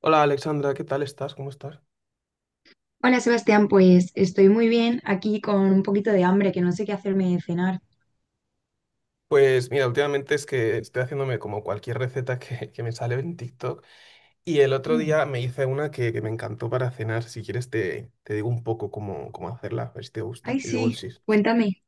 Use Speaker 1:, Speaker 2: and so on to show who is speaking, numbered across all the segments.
Speaker 1: Hola Alexandra, ¿qué tal estás? ¿Cómo estás?
Speaker 2: Hola Sebastián, pues estoy muy bien aquí con un poquito de hambre que no sé qué hacerme de cenar.
Speaker 1: Pues mira, últimamente es que estoy haciéndome como cualquier receta que me sale en TikTok y el otro
Speaker 2: Mm,
Speaker 1: día me hice una que me encantó para cenar. Si quieres te digo un poco cómo hacerla, a ver si te gusta
Speaker 2: Ay,
Speaker 1: y luego
Speaker 2: sí,
Speaker 1: sí.
Speaker 2: cuéntame.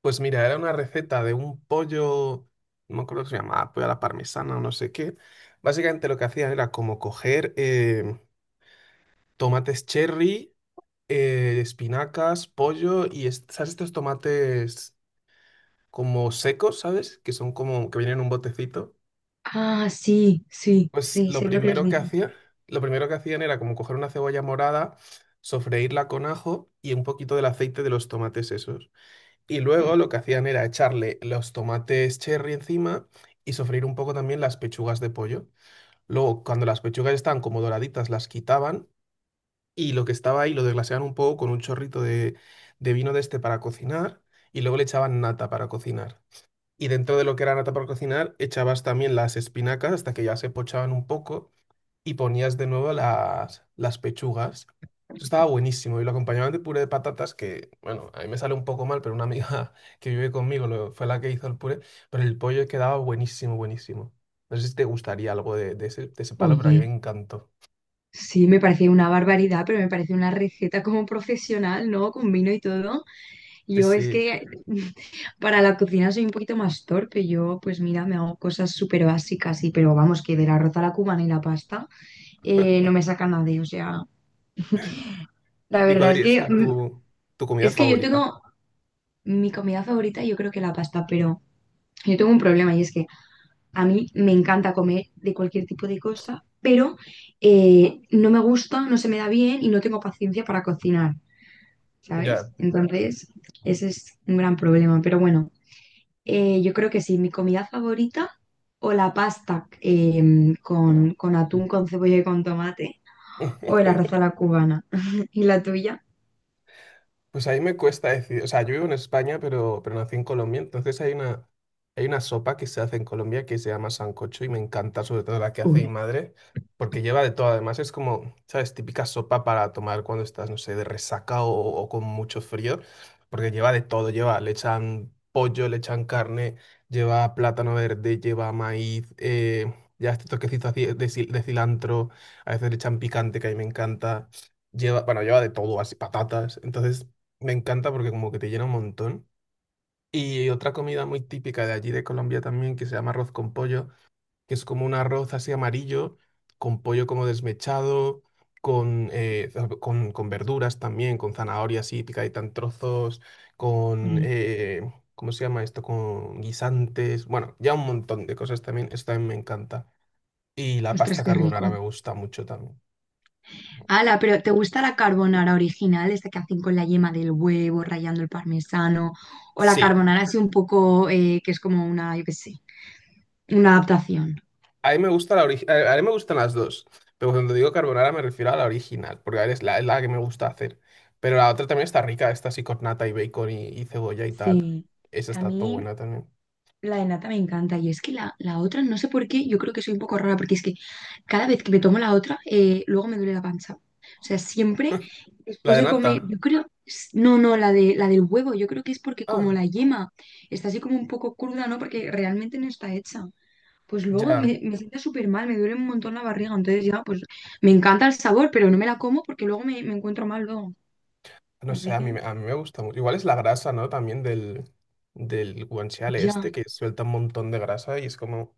Speaker 1: Pues mira, era una receta de un pollo, no me acuerdo que se llamaba, pollo a la parmesana o no sé qué. Básicamente lo que hacía era como coger tomates cherry, espinacas, pollo y ¿sabes estos tomates? Como secos, ¿sabes? Que son como que vienen en un botecito.
Speaker 2: Ah, sí, sí,
Speaker 1: Pues
Speaker 2: sí,
Speaker 1: lo
Speaker 2: sé lo que les
Speaker 1: primero que
Speaker 2: dices.
Speaker 1: hacía, lo primero que hacían era como coger una cebolla morada, sofreírla con ajo y un poquito del aceite de los tomates esos. Y luego lo que hacían era echarle los tomates cherry encima y sofreír un poco también las pechugas de pollo. Luego, cuando las pechugas estaban como doraditas, las quitaban y lo que estaba ahí lo desglaseaban un poco con un chorrito de vino de este para cocinar y luego le echaban nata para cocinar. Y dentro de lo que era nata para cocinar echabas también las espinacas hasta que ya se pochaban un poco y ponías de nuevo las pechugas. Eso estaba buenísimo y lo acompañaban de puré de patatas que, bueno, a mí me sale un poco mal, pero una amiga que vive conmigo fue la que hizo el puré, pero el pollo quedaba buenísimo, buenísimo. No sé si te gustaría algo de ese palo, pero a mí me
Speaker 2: Oye,
Speaker 1: encantó.
Speaker 2: sí, me parece una barbaridad, pero me parece una receta como profesional, ¿no? Con vino y todo.
Speaker 1: Sí,
Speaker 2: Yo es
Speaker 1: sí.
Speaker 2: que para la cocina soy un poquito más torpe. Yo, pues mira, me hago cosas súper básicas, y, pero vamos, que del arroz a la cubana y la pasta no me saca nadie. O sea, la
Speaker 1: ¿Y cuál
Speaker 2: verdad es
Speaker 1: dirías
Speaker 2: que
Speaker 1: que tu comida
Speaker 2: es que yo
Speaker 1: favorita?
Speaker 2: tengo Mi comida favorita yo creo que la pasta, pero yo tengo un problema y es que a mí me encanta comer de cualquier tipo de cosa, pero no me gusta, no se me da bien y no tengo paciencia para cocinar, ¿sabes?
Speaker 1: Ya.
Speaker 2: Entonces, ese es un gran problema, pero bueno, yo creo que sí, mi comida favorita o la pasta con, atún, con cebolla y con tomate, o el arroz a la cubana. ¿Y la tuya?
Speaker 1: Pues ahí me cuesta decir, o sea, yo vivo en España, pero nací en Colombia, entonces hay una sopa que se hace en Colombia que se llama sancocho y me encanta, sobre todo la que hace mi
Speaker 2: Uy,
Speaker 1: madre, porque lleva de todo, además es como, ¿sabes? Típica sopa para tomar cuando estás, no sé, de resaca o con mucho frío, porque lleva de todo, lleva, le echan pollo, le echan carne, lleva plátano verde, lleva maíz, ya este toquecito así de, de cilantro, a veces le echan picante que a mí me encanta, lleva, bueno, lleva de todo, así patatas, entonces... Me encanta porque como que te llena un montón. Y otra comida muy típica de allí de Colombia también, que se llama arroz con pollo, que es como un arroz así amarillo, con pollo como desmechado, con, con verduras también, con zanahoria así picadita en trozos, con,
Speaker 2: uy,
Speaker 1: ¿cómo se llama esto? Con guisantes, bueno, ya un montón de cosas también, eso también me encanta. Y la
Speaker 2: ostras,
Speaker 1: pasta
Speaker 2: qué
Speaker 1: carbonara
Speaker 2: rico.
Speaker 1: me gusta mucho también.
Speaker 2: Ala, pero ¿te gusta la carbonara original, esta que hacen con la yema del huevo, rallando el parmesano? O la
Speaker 1: Sí,
Speaker 2: carbonara así un poco, que es como una, yo qué sé, una adaptación.
Speaker 1: a mí me gusta la a mí me gustan las dos, pero cuando digo carbonara me refiero a la original, porque es es la que me gusta hacer. Pero la otra también está rica, esta así con nata y bacon y cebolla y tal.
Speaker 2: Sí,
Speaker 1: Esa
Speaker 2: a
Speaker 1: está todo
Speaker 2: mí
Speaker 1: buena también.
Speaker 2: La de nata me encanta y es que la otra, no sé por qué, yo creo que soy un poco rara porque es que cada vez que me tomo la otra, luego me duele la panza. O sea, siempre
Speaker 1: La
Speaker 2: después
Speaker 1: de
Speaker 2: de
Speaker 1: nata.
Speaker 2: comer, yo creo, no, no, la del huevo, yo creo que es porque como
Speaker 1: Ah,
Speaker 2: la yema está así como un poco cruda, ¿no? Porque realmente no está hecha. Pues luego
Speaker 1: ya.
Speaker 2: me sienta súper mal, me duele un montón la barriga. Entonces ya, pues me encanta el sabor, pero no me la como porque luego me encuentro mal luego.
Speaker 1: No sé,
Speaker 2: Así
Speaker 1: a mí,
Speaker 2: que
Speaker 1: a mí me gusta mucho. Igual es la grasa, ¿no? También del, del guanciale
Speaker 2: ya.
Speaker 1: este, que suelta un montón de grasa y es como,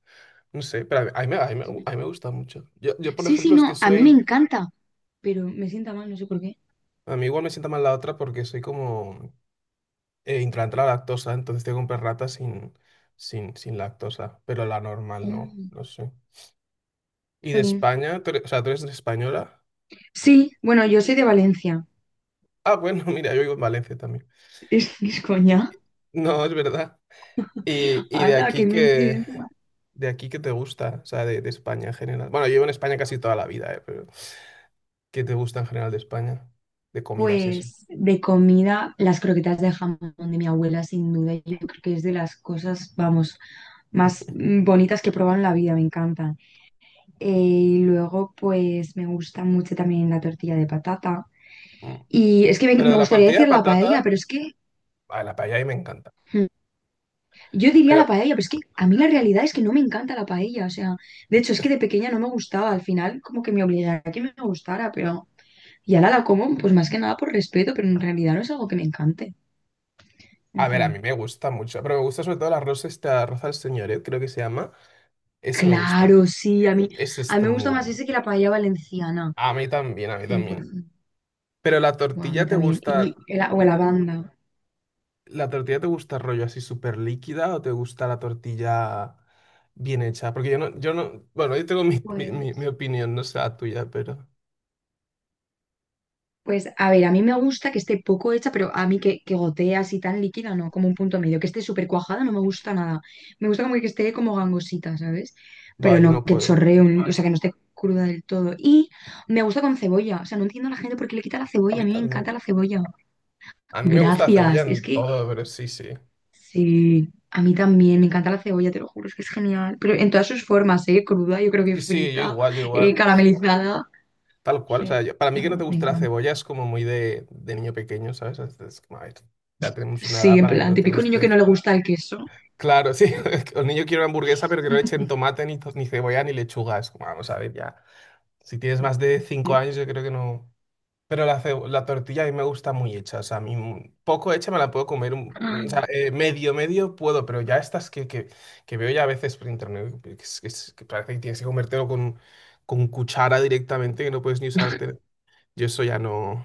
Speaker 1: no sé, pero a mí me gusta mucho. Yo, por
Speaker 2: Sí, sí,
Speaker 1: ejemplo, es que
Speaker 2: no, a mí me
Speaker 1: soy,
Speaker 2: encanta, pero me sienta mal, no sé por qué.
Speaker 1: a mí igual me sienta mal la otra porque soy como... intolerante a la lactosa, entonces tengo que comprar rata sin, sin lactosa, pero la normal no,
Speaker 2: Mm,
Speaker 1: no sé. ¿Y de
Speaker 2: jolín.
Speaker 1: España? O sea, ¿tú eres española?
Speaker 2: Sí, bueno, yo soy de Valencia.
Speaker 1: Ah, bueno, mira, yo vivo en Valencia también.
Speaker 2: Es coña.
Speaker 1: No, es verdad. Y
Speaker 2: ¡Hala, qué coincidencia!
Speaker 1: de aquí que te gusta, o sea, de España en general. Bueno, yo vivo en España casi toda la vida, pero ¿qué te gusta en general de España? De comidas y eso.
Speaker 2: Pues de comida, las croquetas de jamón de mi abuela, sin duda, yo creo que es de las cosas, vamos, más bonitas que he probado en la vida, me encantan. Y luego, pues me gusta mucho también la tortilla de patata.
Speaker 1: Mm.
Speaker 2: Y es que
Speaker 1: Pero
Speaker 2: me
Speaker 1: de la
Speaker 2: gustaría
Speaker 1: tortilla de
Speaker 2: decir la paella,
Speaker 1: patata,
Speaker 2: pero es que
Speaker 1: a la paella ahí me encanta.
Speaker 2: hmm, yo diría
Speaker 1: Pero,
Speaker 2: la paella, pero es que a mí la realidad es que no me encanta la paella. O sea, de hecho, es que de pequeña no me gustaba. Al final, como que me obligaba a que me gustara, pero y ahora la como, pues más que nada por respeto, pero en realidad no es algo que me encante. En
Speaker 1: a ver, a
Speaker 2: fin.
Speaker 1: mí me gusta mucho, pero me gusta sobre todo el arroz este, arroz al señoret, creo que se llama. Ese me gusta.
Speaker 2: Claro, sí,
Speaker 1: Esa
Speaker 2: a mí
Speaker 1: está
Speaker 2: me gusta
Speaker 1: muy
Speaker 2: más
Speaker 1: buena.
Speaker 2: ese que la paella valenciana.
Speaker 1: A mí también, a mí
Speaker 2: Cien por
Speaker 1: también.
Speaker 2: ciento.
Speaker 1: Pero la
Speaker 2: Guau, a
Speaker 1: tortilla
Speaker 2: mí
Speaker 1: te
Speaker 2: también.
Speaker 1: gusta,
Speaker 2: O la banda.
Speaker 1: ¿la tortilla te gusta rollo así súper líquida o te gusta la tortilla bien hecha? Porque yo no, yo no, bueno, yo tengo mi
Speaker 2: Pues.
Speaker 1: opinión, no sé la tuya, pero
Speaker 2: Pues a ver, a mí me gusta que esté poco hecha, pero a mí que gotea así tan líquida, no, como un punto medio, que esté súper cuajada, no me gusta nada. Me gusta como que esté como gangosita, ¿sabes?
Speaker 1: va,
Speaker 2: Pero
Speaker 1: yo
Speaker 2: no
Speaker 1: no
Speaker 2: que
Speaker 1: puedo.
Speaker 2: chorree, o sea, que no esté cruda del todo. Y me gusta con cebolla, o sea, no entiendo a la gente por qué le quita la
Speaker 1: A
Speaker 2: cebolla, a
Speaker 1: mí
Speaker 2: mí me encanta
Speaker 1: también.
Speaker 2: la cebolla.
Speaker 1: A mí me gusta la cebolla
Speaker 2: Gracias, es
Speaker 1: en
Speaker 2: que
Speaker 1: todo, pero sí, sí.
Speaker 2: sí, a mí también me encanta la cebolla, te lo juro, es que es genial. Pero en todas sus formas, ¿eh? Cruda, yo creo que
Speaker 1: Sí, sí, yo
Speaker 2: frita,
Speaker 1: igual, yo igual.
Speaker 2: caramelizada.
Speaker 1: Tal
Speaker 2: O
Speaker 1: cual. O
Speaker 2: sea,
Speaker 1: sea, para mí que no te
Speaker 2: me
Speaker 1: guste la
Speaker 2: encanta.
Speaker 1: cebolla es como muy de niño pequeño, ¿sabes? Es como, a ver, ya tenemos una
Speaker 2: Sí,
Speaker 1: edad
Speaker 2: en
Speaker 1: para que
Speaker 2: plan,
Speaker 1: no te
Speaker 2: típico niño
Speaker 1: guste.
Speaker 2: que no le gusta el queso.
Speaker 1: Claro, sí. El niño quiere una hamburguesa, pero que no le echen tomate, ni, ni cebolla, ni lechuga. Es como, vamos a ver, ya. Si tienes más de cinco
Speaker 2: Ya,
Speaker 1: años, yo creo que no. Pero la, la tortilla a mí me gusta muy hecha. O sea, a mí poco hecha me la puedo comer. O sea, medio, medio puedo, pero ya estas que veo ya a veces por internet, que, que parece que tienes que comértelo con cuchara directamente, que no puedes ni usarte. Yo eso ya no.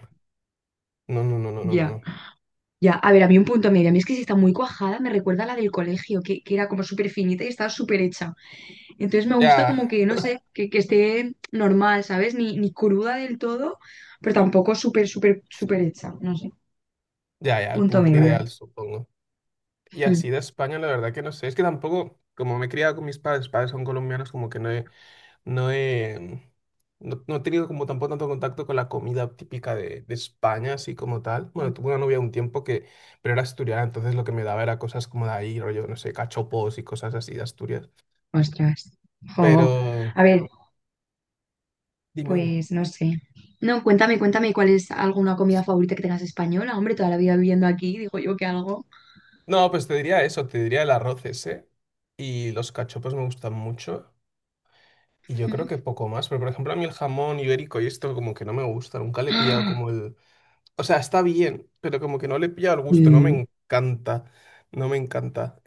Speaker 1: No, no, no, no, no, no.
Speaker 2: ya,
Speaker 1: No.
Speaker 2: ya. A ver, a mí un punto medio. A mí es que si está muy cuajada, me recuerda a la del colegio, que, era como súper finita y estaba súper hecha. Entonces me gusta
Speaker 1: Ya,
Speaker 2: como que, no sé, que, esté normal, ¿sabes? Ni, ni cruda del todo, pero tampoco súper, súper, súper hecha. No sé.
Speaker 1: ya, ya, el
Speaker 2: Punto
Speaker 1: punto
Speaker 2: medio.
Speaker 1: ideal, supongo. Y
Speaker 2: Mm.
Speaker 1: así de España, la verdad que no sé. Es que tampoco, como me he criado con mis padres, padres son colombianos, como que no he, no he, no, no he tenido como tampoco tanto contacto con la comida típica de España, así como tal. Bueno, tuve una novia un tiempo que, pero era asturiana, entonces lo que me daba era cosas como de ahí, rollo, no sé, cachopos y cosas así de Asturias.
Speaker 2: Ostras. Jo.
Speaker 1: Pero,
Speaker 2: A ver,
Speaker 1: dime, dime.
Speaker 2: pues no sé. No, cuéntame, cuéntame cuál es alguna comida favorita que tengas española. Hombre, toda la vida viviendo aquí, digo yo que algo.
Speaker 1: No, pues te diría eso, te diría el arroz ese. Y los cachopos me gustan mucho. Y yo creo que poco más. Pero, por ejemplo, a mí el jamón ibérico y esto como que no me gusta. Nunca le he pillado como el... O sea, está bien, pero como que no le he pillado el gusto, no me encanta, no me encanta.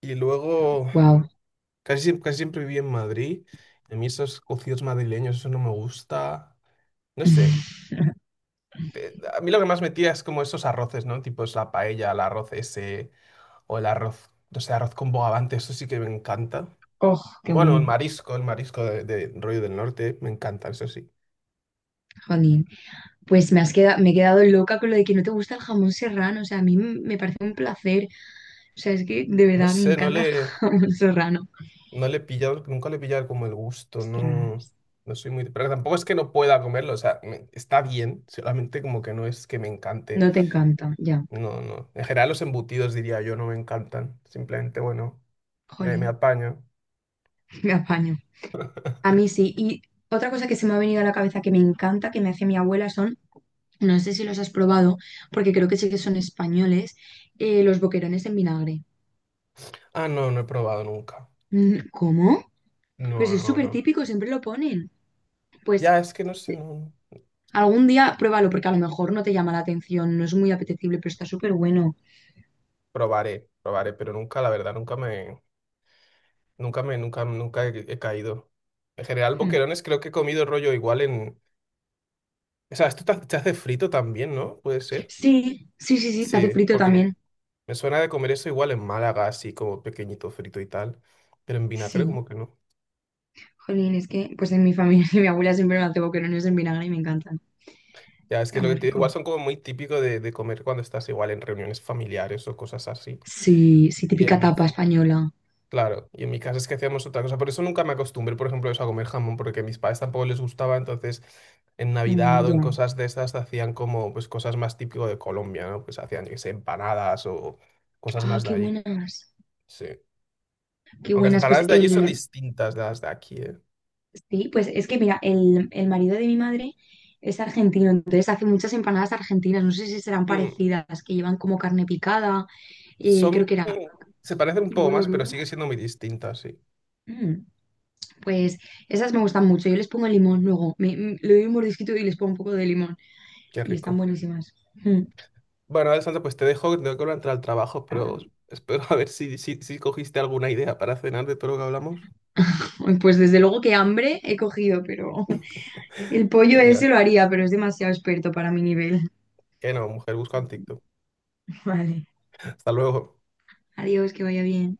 Speaker 1: Y luego,
Speaker 2: Wow.
Speaker 1: casi siempre viví en Madrid, y a mí esos cocidos madrileños, eso no me gusta, no sé. A mí lo que más me tira es como esos arroces, ¿no? Tipo es la paella, el arroz ese, o el arroz, no sé, arroz con bogavante, eso sí que me encanta.
Speaker 2: Oh, qué
Speaker 1: Bueno,
Speaker 2: bueno,
Speaker 1: el marisco de rollo del norte, me encanta, eso sí.
Speaker 2: jolín. Pues me has quedado, me he quedado loca con lo de que no te gusta el jamón serrano. O sea, a mí me parece un placer. O sea, es que de
Speaker 1: No
Speaker 2: verdad me
Speaker 1: sé, no
Speaker 2: encanta el
Speaker 1: le...
Speaker 2: jamón serrano.
Speaker 1: No le he pillado, nunca le he pillado como el gusto, no,
Speaker 2: Ostras,
Speaker 1: no soy muy... Pero tampoco es que no pueda comerlo, o sea, está bien, solamente como que no es que me encante.
Speaker 2: no te encanta, ya.
Speaker 1: No, no. En general los embutidos, diría yo, no me encantan. Simplemente, bueno, me
Speaker 2: Jolín,
Speaker 1: apaño.
Speaker 2: me apaño. A mí sí. Y otra cosa que se me ha venido a la cabeza que me encanta, que me hace mi abuela, son, no sé si los has probado, porque creo que sí que son españoles, los boquerones en vinagre.
Speaker 1: Ah, no, no he probado nunca.
Speaker 2: Mm, ¿cómo? Pero si
Speaker 1: No,
Speaker 2: es
Speaker 1: no,
Speaker 2: súper
Speaker 1: no.
Speaker 2: típico, siempre lo ponen. Pues.
Speaker 1: Ya, es que no sé, no. No.
Speaker 2: Algún día pruébalo porque a lo mejor no te llama la atención, no es muy apetecible, pero está súper bueno.
Speaker 1: Probaré, probaré, pero nunca, la verdad, nunca me... nunca, nunca he caído. En general,
Speaker 2: Mm.
Speaker 1: boquerones creo que he comido rollo igual en... O sea, esto se hace frito también, ¿no? Puede ser.
Speaker 2: Sí, sí, sí, sí, te hace
Speaker 1: Sí,
Speaker 2: frito
Speaker 1: porque
Speaker 2: también.
Speaker 1: me suena de comer eso igual en Málaga, así como pequeñito frito y tal, pero en vinagre
Speaker 2: Sí.
Speaker 1: como que no.
Speaker 2: Jolín, es que pues en mi familia mi abuela siempre me hace boquerones en vinagre y me encantan.
Speaker 1: Ya, es que es
Speaker 2: Está
Speaker 1: lo que
Speaker 2: muy
Speaker 1: te digo, igual
Speaker 2: rico.
Speaker 1: son como muy típico de comer cuando estás igual en reuniones familiares o cosas así.
Speaker 2: Sí, sí,
Speaker 1: Y en
Speaker 2: típica
Speaker 1: mi,
Speaker 2: tapa
Speaker 1: fa-
Speaker 2: española.
Speaker 1: claro, y en mi casa es que hacíamos otra cosa, por eso nunca me acostumbré, por ejemplo, eso a comer jamón, porque a mis padres tampoco les gustaba, entonces en Navidad
Speaker 2: Mm,
Speaker 1: o
Speaker 2: ya.
Speaker 1: en cosas de estas hacían como pues cosas más típico de Colombia, ¿no? Pues hacían, yo qué sé, empanadas o cosas
Speaker 2: Ah,
Speaker 1: más de
Speaker 2: qué
Speaker 1: allí.
Speaker 2: buenas.
Speaker 1: Sí.
Speaker 2: Qué
Speaker 1: Aunque las
Speaker 2: buenas. Pues
Speaker 1: empanadas de allí son
Speaker 2: el,
Speaker 1: distintas de las de aquí, ¿eh?
Speaker 2: sí, pues es que mira, el marido de mi madre es argentino, entonces hace muchas empanadas argentinas. No sé si serán
Speaker 1: Mm.
Speaker 2: parecidas, que llevan como carne picada,
Speaker 1: Son,
Speaker 2: creo que era
Speaker 1: se parecen un poco
Speaker 2: huevo
Speaker 1: más, pero
Speaker 2: duro.
Speaker 1: sigue siendo muy distintas, sí.
Speaker 2: Mm, pues esas me gustan mucho. Yo les pongo limón luego. Me, le doy un mordisquito y les pongo un poco de limón.
Speaker 1: Qué
Speaker 2: Y están
Speaker 1: rico.
Speaker 2: buenísimas. Mm.
Speaker 1: Bueno, Alessandra, pues te dejo, que tengo que entrar al trabajo, pero espero a ver si cogiste alguna idea para cenar de todo lo que hablamos.
Speaker 2: Ay, pues desde luego que hambre he cogido, pero el pollo ese
Speaker 1: Venga,
Speaker 2: lo haría, pero es demasiado experto para mi nivel.
Speaker 1: que no, mujer, busca en TikTok.
Speaker 2: Vale.
Speaker 1: Hasta luego.
Speaker 2: Adiós, que vaya bien.